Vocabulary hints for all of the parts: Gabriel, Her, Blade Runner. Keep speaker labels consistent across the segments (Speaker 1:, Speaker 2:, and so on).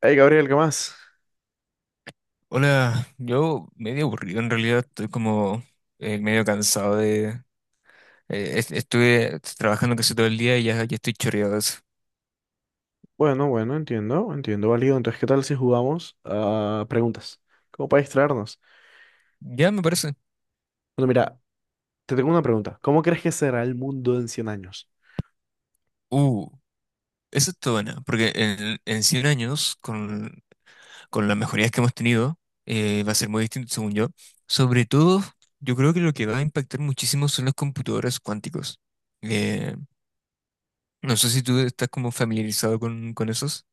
Speaker 1: Hey Gabriel, ¿qué más?
Speaker 2: Hola, yo medio aburrido en realidad, estoy como medio cansado de... estuve trabajando casi todo el día y ya estoy choreado de eso.
Speaker 1: Bueno, bueno, entiendo, entiendo, válido. Entonces, ¿qué tal si jugamos a preguntas? ¿Cómo para distraernos?
Speaker 2: Ya me parece.
Speaker 1: Bueno, mira, te tengo una pregunta. ¿Cómo crees que será el mundo en 100 años?
Speaker 2: Uh, Eso está buena, porque en 100 años, con las mejorías que hemos tenido, va a ser muy distinto según yo. Sobre todo, yo creo que lo que va a impactar muchísimo son los computadores cuánticos. Eh, no sé si tú estás como familiarizado con esos.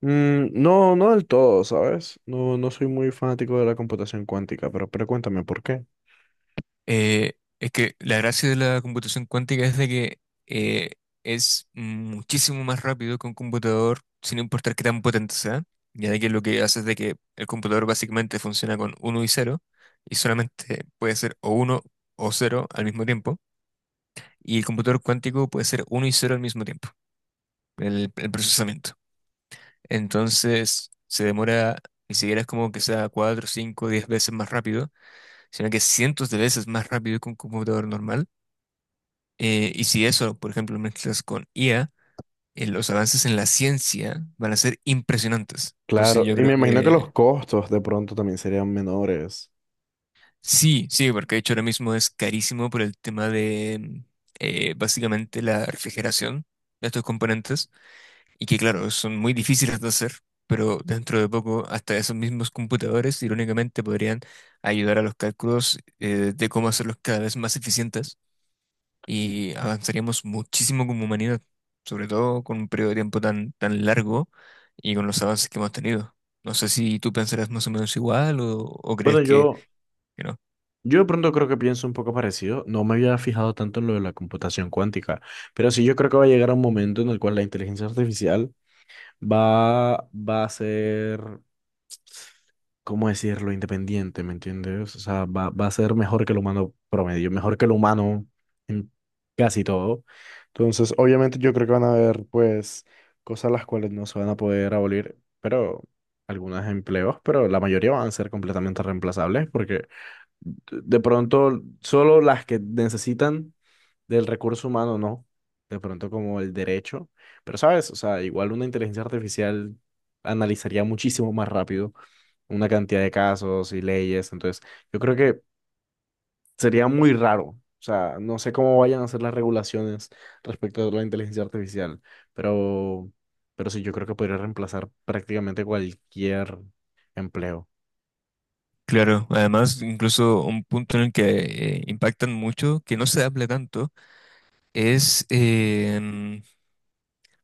Speaker 1: Mm, no, no del todo, ¿sabes? No, no soy muy fanático de la computación cuántica, pero cuéntame por qué.
Speaker 2: Eh, es que la gracia de la computación cuántica es de que eh, es muchísimo más rápido que un computador, sin importar qué tan potente sea, ya de que lo que hace es de que el computador básicamente funciona con uno y cero y solamente puede ser o uno o cero al mismo tiempo, y el computador cuántico puede ser uno y cero al mismo tiempo, el procesamiento. Entonces se demora, ni siquiera es como que sea 4, 5, 10 veces más rápido, sino que cientos de veces más rápido que un computador normal. Y si eso, por ejemplo, lo mezclas con IA, los avances en la ciencia van a ser impresionantes. Entonces
Speaker 1: Claro,
Speaker 2: yo
Speaker 1: y me
Speaker 2: creo
Speaker 1: imagino que los
Speaker 2: que
Speaker 1: costos de pronto también serían menores.
Speaker 2: sí, sí, porque de hecho ahora mismo es carísimo por el tema de básicamente la refrigeración de estos componentes y que claro, son muy difíciles de hacer, pero dentro de poco hasta esos mismos computadores irónicamente podrían ayudar a los cálculos, de cómo hacerlos cada vez más eficientes y avanzaríamos muchísimo como humanidad, sobre todo con un periodo de tiempo tan, tan largo y con los avances que hemos tenido. No sé si tú pensarás más o menos igual o
Speaker 1: Bueno,
Speaker 2: crees que,
Speaker 1: yo,
Speaker 2: que no.
Speaker 1: yo de pronto creo que pienso un poco parecido. No me había fijado tanto en lo de la computación cuántica, pero sí yo creo que va a llegar a un momento en el cual la inteligencia artificial va a ser, ¿cómo decirlo? Independiente, ¿me entiendes? O sea, va a ser mejor que el humano promedio, mejor que el humano en casi todo. Entonces, obviamente yo creo que van a haber, pues, cosas las cuales no se van a poder abolir, pero algunos empleos, pero la mayoría van a ser completamente reemplazables porque de pronto solo las que necesitan del recurso humano, no, de pronto como el derecho, pero sabes, o sea, igual una inteligencia artificial analizaría muchísimo más rápido una cantidad de casos y leyes, entonces yo creo que sería muy raro, o sea, no sé cómo vayan a ser las regulaciones respecto a la inteligencia artificial, pero, pero sí, yo creo que podría reemplazar prácticamente cualquier empleo.
Speaker 2: Claro, además, incluso un punto en el que impactan mucho, que no se habla tanto, es em,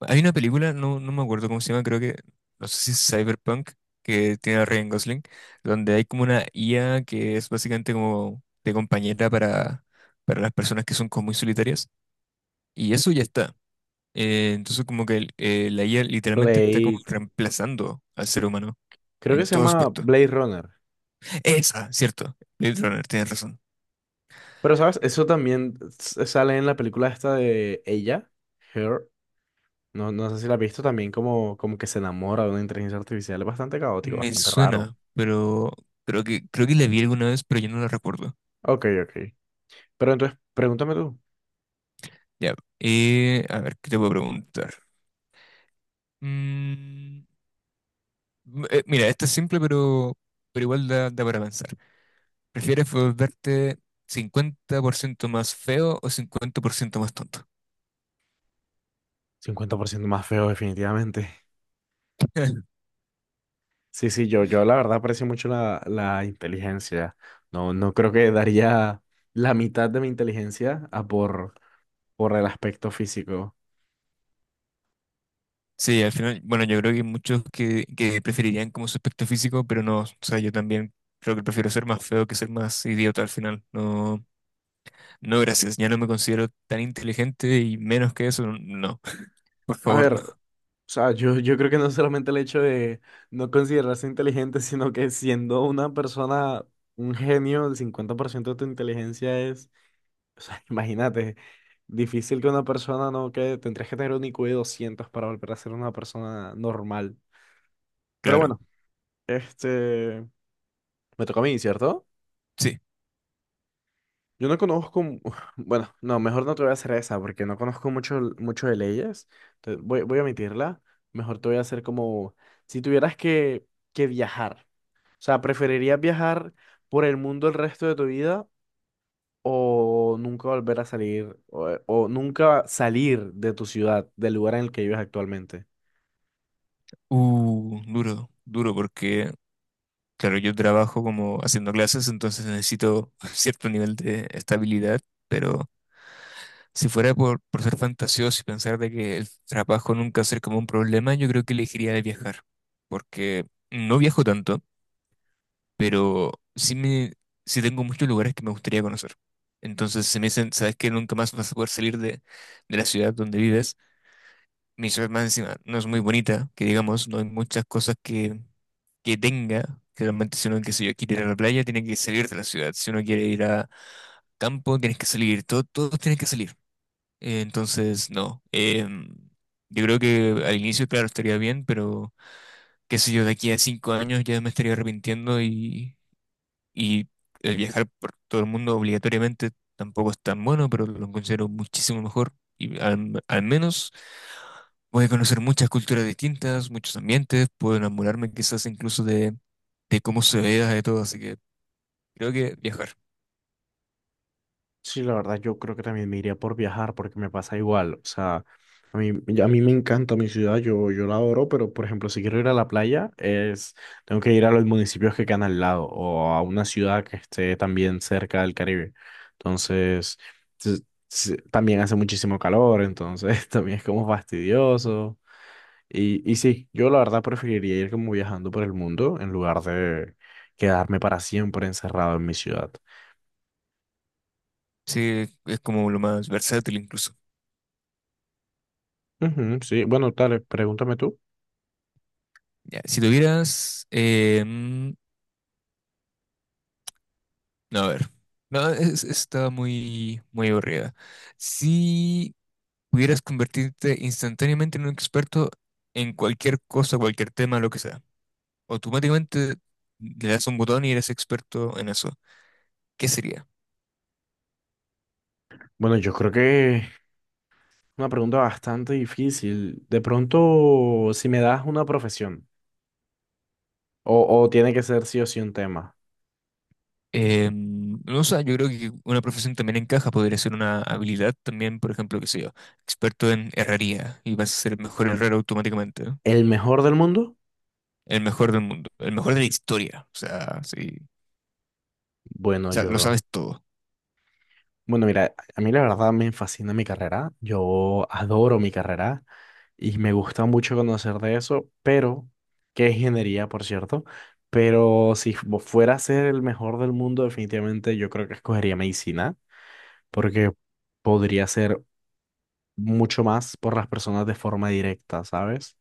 Speaker 2: hay una película, no me acuerdo cómo se llama, creo que, no sé si es Cyberpunk, que tiene a Ryan Gosling, donde hay como una IA que es básicamente como de compañera para las personas que son como muy solitarias. Y eso ya está. Entonces como que la IA literalmente está como
Speaker 1: Blade,
Speaker 2: reemplazando al ser humano
Speaker 1: creo que
Speaker 2: en
Speaker 1: se
Speaker 2: todo
Speaker 1: llama
Speaker 2: aspecto.
Speaker 1: Blade Runner.
Speaker 2: Esa, cierto. Blade Runner, tienes razón.
Speaker 1: Pero, ¿sabes? Eso también sale en la película esta de ella, Her. No, no sé si la has visto también, como, como que se enamora de una inteligencia artificial. Es bastante caótico,
Speaker 2: Me
Speaker 1: bastante raro.
Speaker 2: suena, pero creo que la vi alguna vez, pero yo no la recuerdo.
Speaker 1: Ok, ok. Pero entonces, pregúntame tú.
Speaker 2: Ya, a ver, ¿qué te puedo preguntar? Mm, Mira, esto es simple, pero igual da para pensar. ¿Prefieres volverte 50% más feo o 50% más tonto?
Speaker 1: 50% más feo, definitivamente. Sí, sí, yo la verdad aprecio mucho la inteligencia. No, no creo que daría la mitad de mi inteligencia a por el aspecto físico.
Speaker 2: Sí, al final, bueno, yo creo que hay muchos que preferirían como su aspecto físico, pero no, o sea, yo también creo que prefiero ser más feo que ser más idiota al final. No, no, gracias, ya no me considero tan inteligente y menos que eso, no, por
Speaker 1: A
Speaker 2: favor,
Speaker 1: ver, o
Speaker 2: no.
Speaker 1: sea, yo creo que no solamente el hecho de no considerarse inteligente, sino que siendo una persona, un genio, el 50% de tu inteligencia es, o sea, imagínate, difícil que una persona no quede, tendrías que tener un IQ de 200 para volver a ser una persona normal. Pero
Speaker 2: Claro,
Speaker 1: bueno, este, me toca a mí, ¿cierto?
Speaker 2: sí.
Speaker 1: Yo no conozco, mu- bueno, no, mejor no te voy a hacer esa porque no conozco mucho, mucho de leyes. Entonces, voy a omitirla. Mejor te voy a hacer como, si tuvieras que viajar. O sea, ¿preferirías viajar por el mundo el resto de tu vida o nunca volver a salir o nunca salir de tu ciudad, del lugar en el que vives actualmente?
Speaker 2: Duro, duro, porque claro, yo trabajo como haciendo clases, entonces necesito cierto nivel de estabilidad, pero si fuera por ser fantasioso y pensar de que el trabajo nunca va a ser como un problema, yo creo que elegiría de viajar, porque no viajo tanto, pero sí, sí tengo muchos lugares que me gustaría conocer. Entonces, se me dicen, ¿sabes que nunca más vas a poder salir de la ciudad donde vives? Mi ciudad más encima no es muy bonita, que digamos, no hay muchas cosas que tenga. Realmente si uno, qué sé yo, quiere ir a la playa, tiene que salir de la ciudad. Si uno quiere ir a campo, tienes que salir. Todos tienen que salir. Entonces, no. Yo creo que al inicio, claro, estaría bien, pero qué sé yo, de aquí a 5 años ya me estaría arrepintiendo y y el viajar por todo el mundo obligatoriamente tampoco es tan bueno, pero lo considero muchísimo mejor. Y al menos voy a conocer muchas culturas distintas, muchos ambientes, puedo enamorarme quizás incluso de cómo se vea de todo. Así que creo que viajar,
Speaker 1: Sí, la verdad, yo creo que también me iría por viajar porque me pasa igual. O sea, a mí, a mí me encanta mi ciudad, yo la adoro, pero por ejemplo, si quiero ir a la playa, tengo que ir a los municipios que quedan al lado o a una ciudad que esté también cerca del Caribe. Entonces, s- también hace muchísimo calor, entonces también es como fastidioso. Y sí, yo la verdad preferiría ir como viajando por el mundo en lugar de quedarme para siempre encerrado en mi ciudad.
Speaker 2: sí, es como lo más versátil incluso.
Speaker 1: Ujú, sí, bueno, dale, pregúntame tú.
Speaker 2: Ya, si tuvieras, no, a ver. No, estaba muy, muy aburrida. Sí. Pudieras convertirte instantáneamente en un experto en cualquier cosa, cualquier tema, lo que sea. Automáticamente le das un botón y eres experto en eso. ¿Qué sería?
Speaker 1: Bueno, yo creo que es una pregunta bastante difícil. De pronto, si me das una profesión, o tiene que ser sí o sí un tema.
Speaker 2: No sé, yo creo que una profesión también encaja, podría ser una habilidad también, por ejemplo, qué sé yo, experto en herrería y vas a ser el mejor herrero automáticamente, ¿no?
Speaker 1: ¿El mejor del mundo?
Speaker 2: El mejor del mundo, el mejor de la historia, o sea, sí,
Speaker 1: Bueno,
Speaker 2: o sea, lo
Speaker 1: yo.
Speaker 2: sabes todo,
Speaker 1: Bueno, mira, a mí la verdad me fascina mi carrera. Yo adoro mi carrera y me gusta mucho conocer de eso, pero, que es ingeniería, por cierto. Pero si fuera a ser el mejor del mundo, definitivamente yo creo que escogería medicina, porque podría ser mucho más por las personas de forma directa, ¿sabes?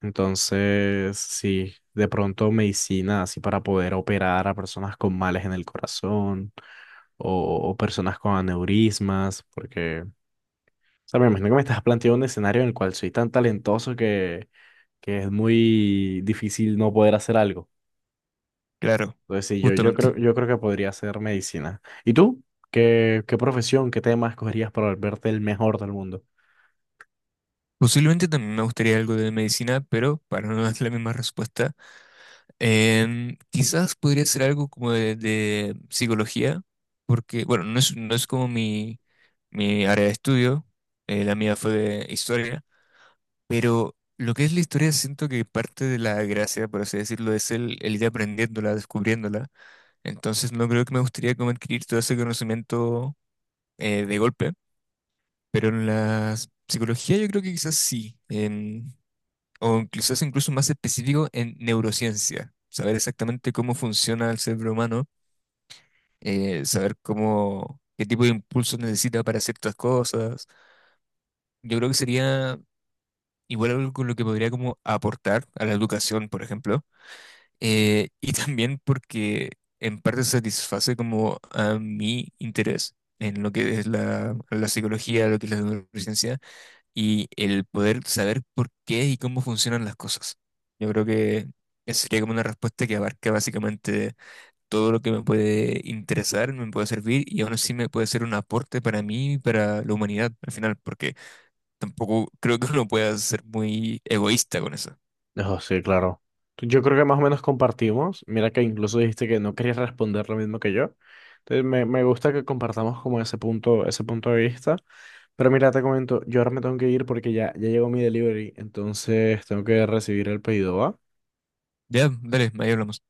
Speaker 1: Entonces, sí, de pronto medicina así para poder operar a personas con males en el corazón o personas con aneurismas, porque, o sea, me imagino que me estás planteando un escenario en el cual soy tan talentoso que es muy difícil no poder hacer algo.
Speaker 2: claro,
Speaker 1: Entonces, sí,
Speaker 2: justamente.
Speaker 1: yo creo que podría hacer medicina. ¿Y tú? ¿Qué profesión, qué tema escogerías para volverte el mejor del mundo?
Speaker 2: Posiblemente también me gustaría algo de medicina, pero para no dar la misma respuesta, quizás podría ser algo como de psicología, porque, bueno, no es como mi área de estudio, la mía fue de historia, pero lo que es la historia siento que parte de la gracia, por así decirlo, es el ir aprendiéndola, descubriéndola. Entonces no creo que me gustaría como adquirir todo ese conocimiento, de golpe, pero en la psicología yo creo que quizás sí. O incluso es incluso más específico en neurociencia, saber exactamente cómo funciona el cerebro humano, saber cómo, qué tipo de impulsos necesita para ciertas cosas. Yo creo que sería igual algo con lo que podría como aportar a la educación, por ejemplo, y también porque en parte satisface como a mi interés en lo que es la psicología, lo que es la neurociencia y el poder saber por qué y cómo funcionan las cosas. Yo creo que esa sería como una respuesta que abarca básicamente todo lo que me puede interesar, me puede servir y aún así me puede ser un aporte para mí y para la humanidad al final, porque tampoco creo que uno pueda ser muy egoísta con eso.
Speaker 1: Oh, sí, claro. Yo creo que más o menos compartimos. Mira que incluso dijiste que no querías responder lo mismo que yo. Entonces me gusta que compartamos como ese punto de vista. Pero mira, te comento, yo ahora me tengo que ir porque ya, ya llegó mi delivery, entonces tengo que recibir el pedido, ¿va?
Speaker 2: Ya, dale, ahí hablamos.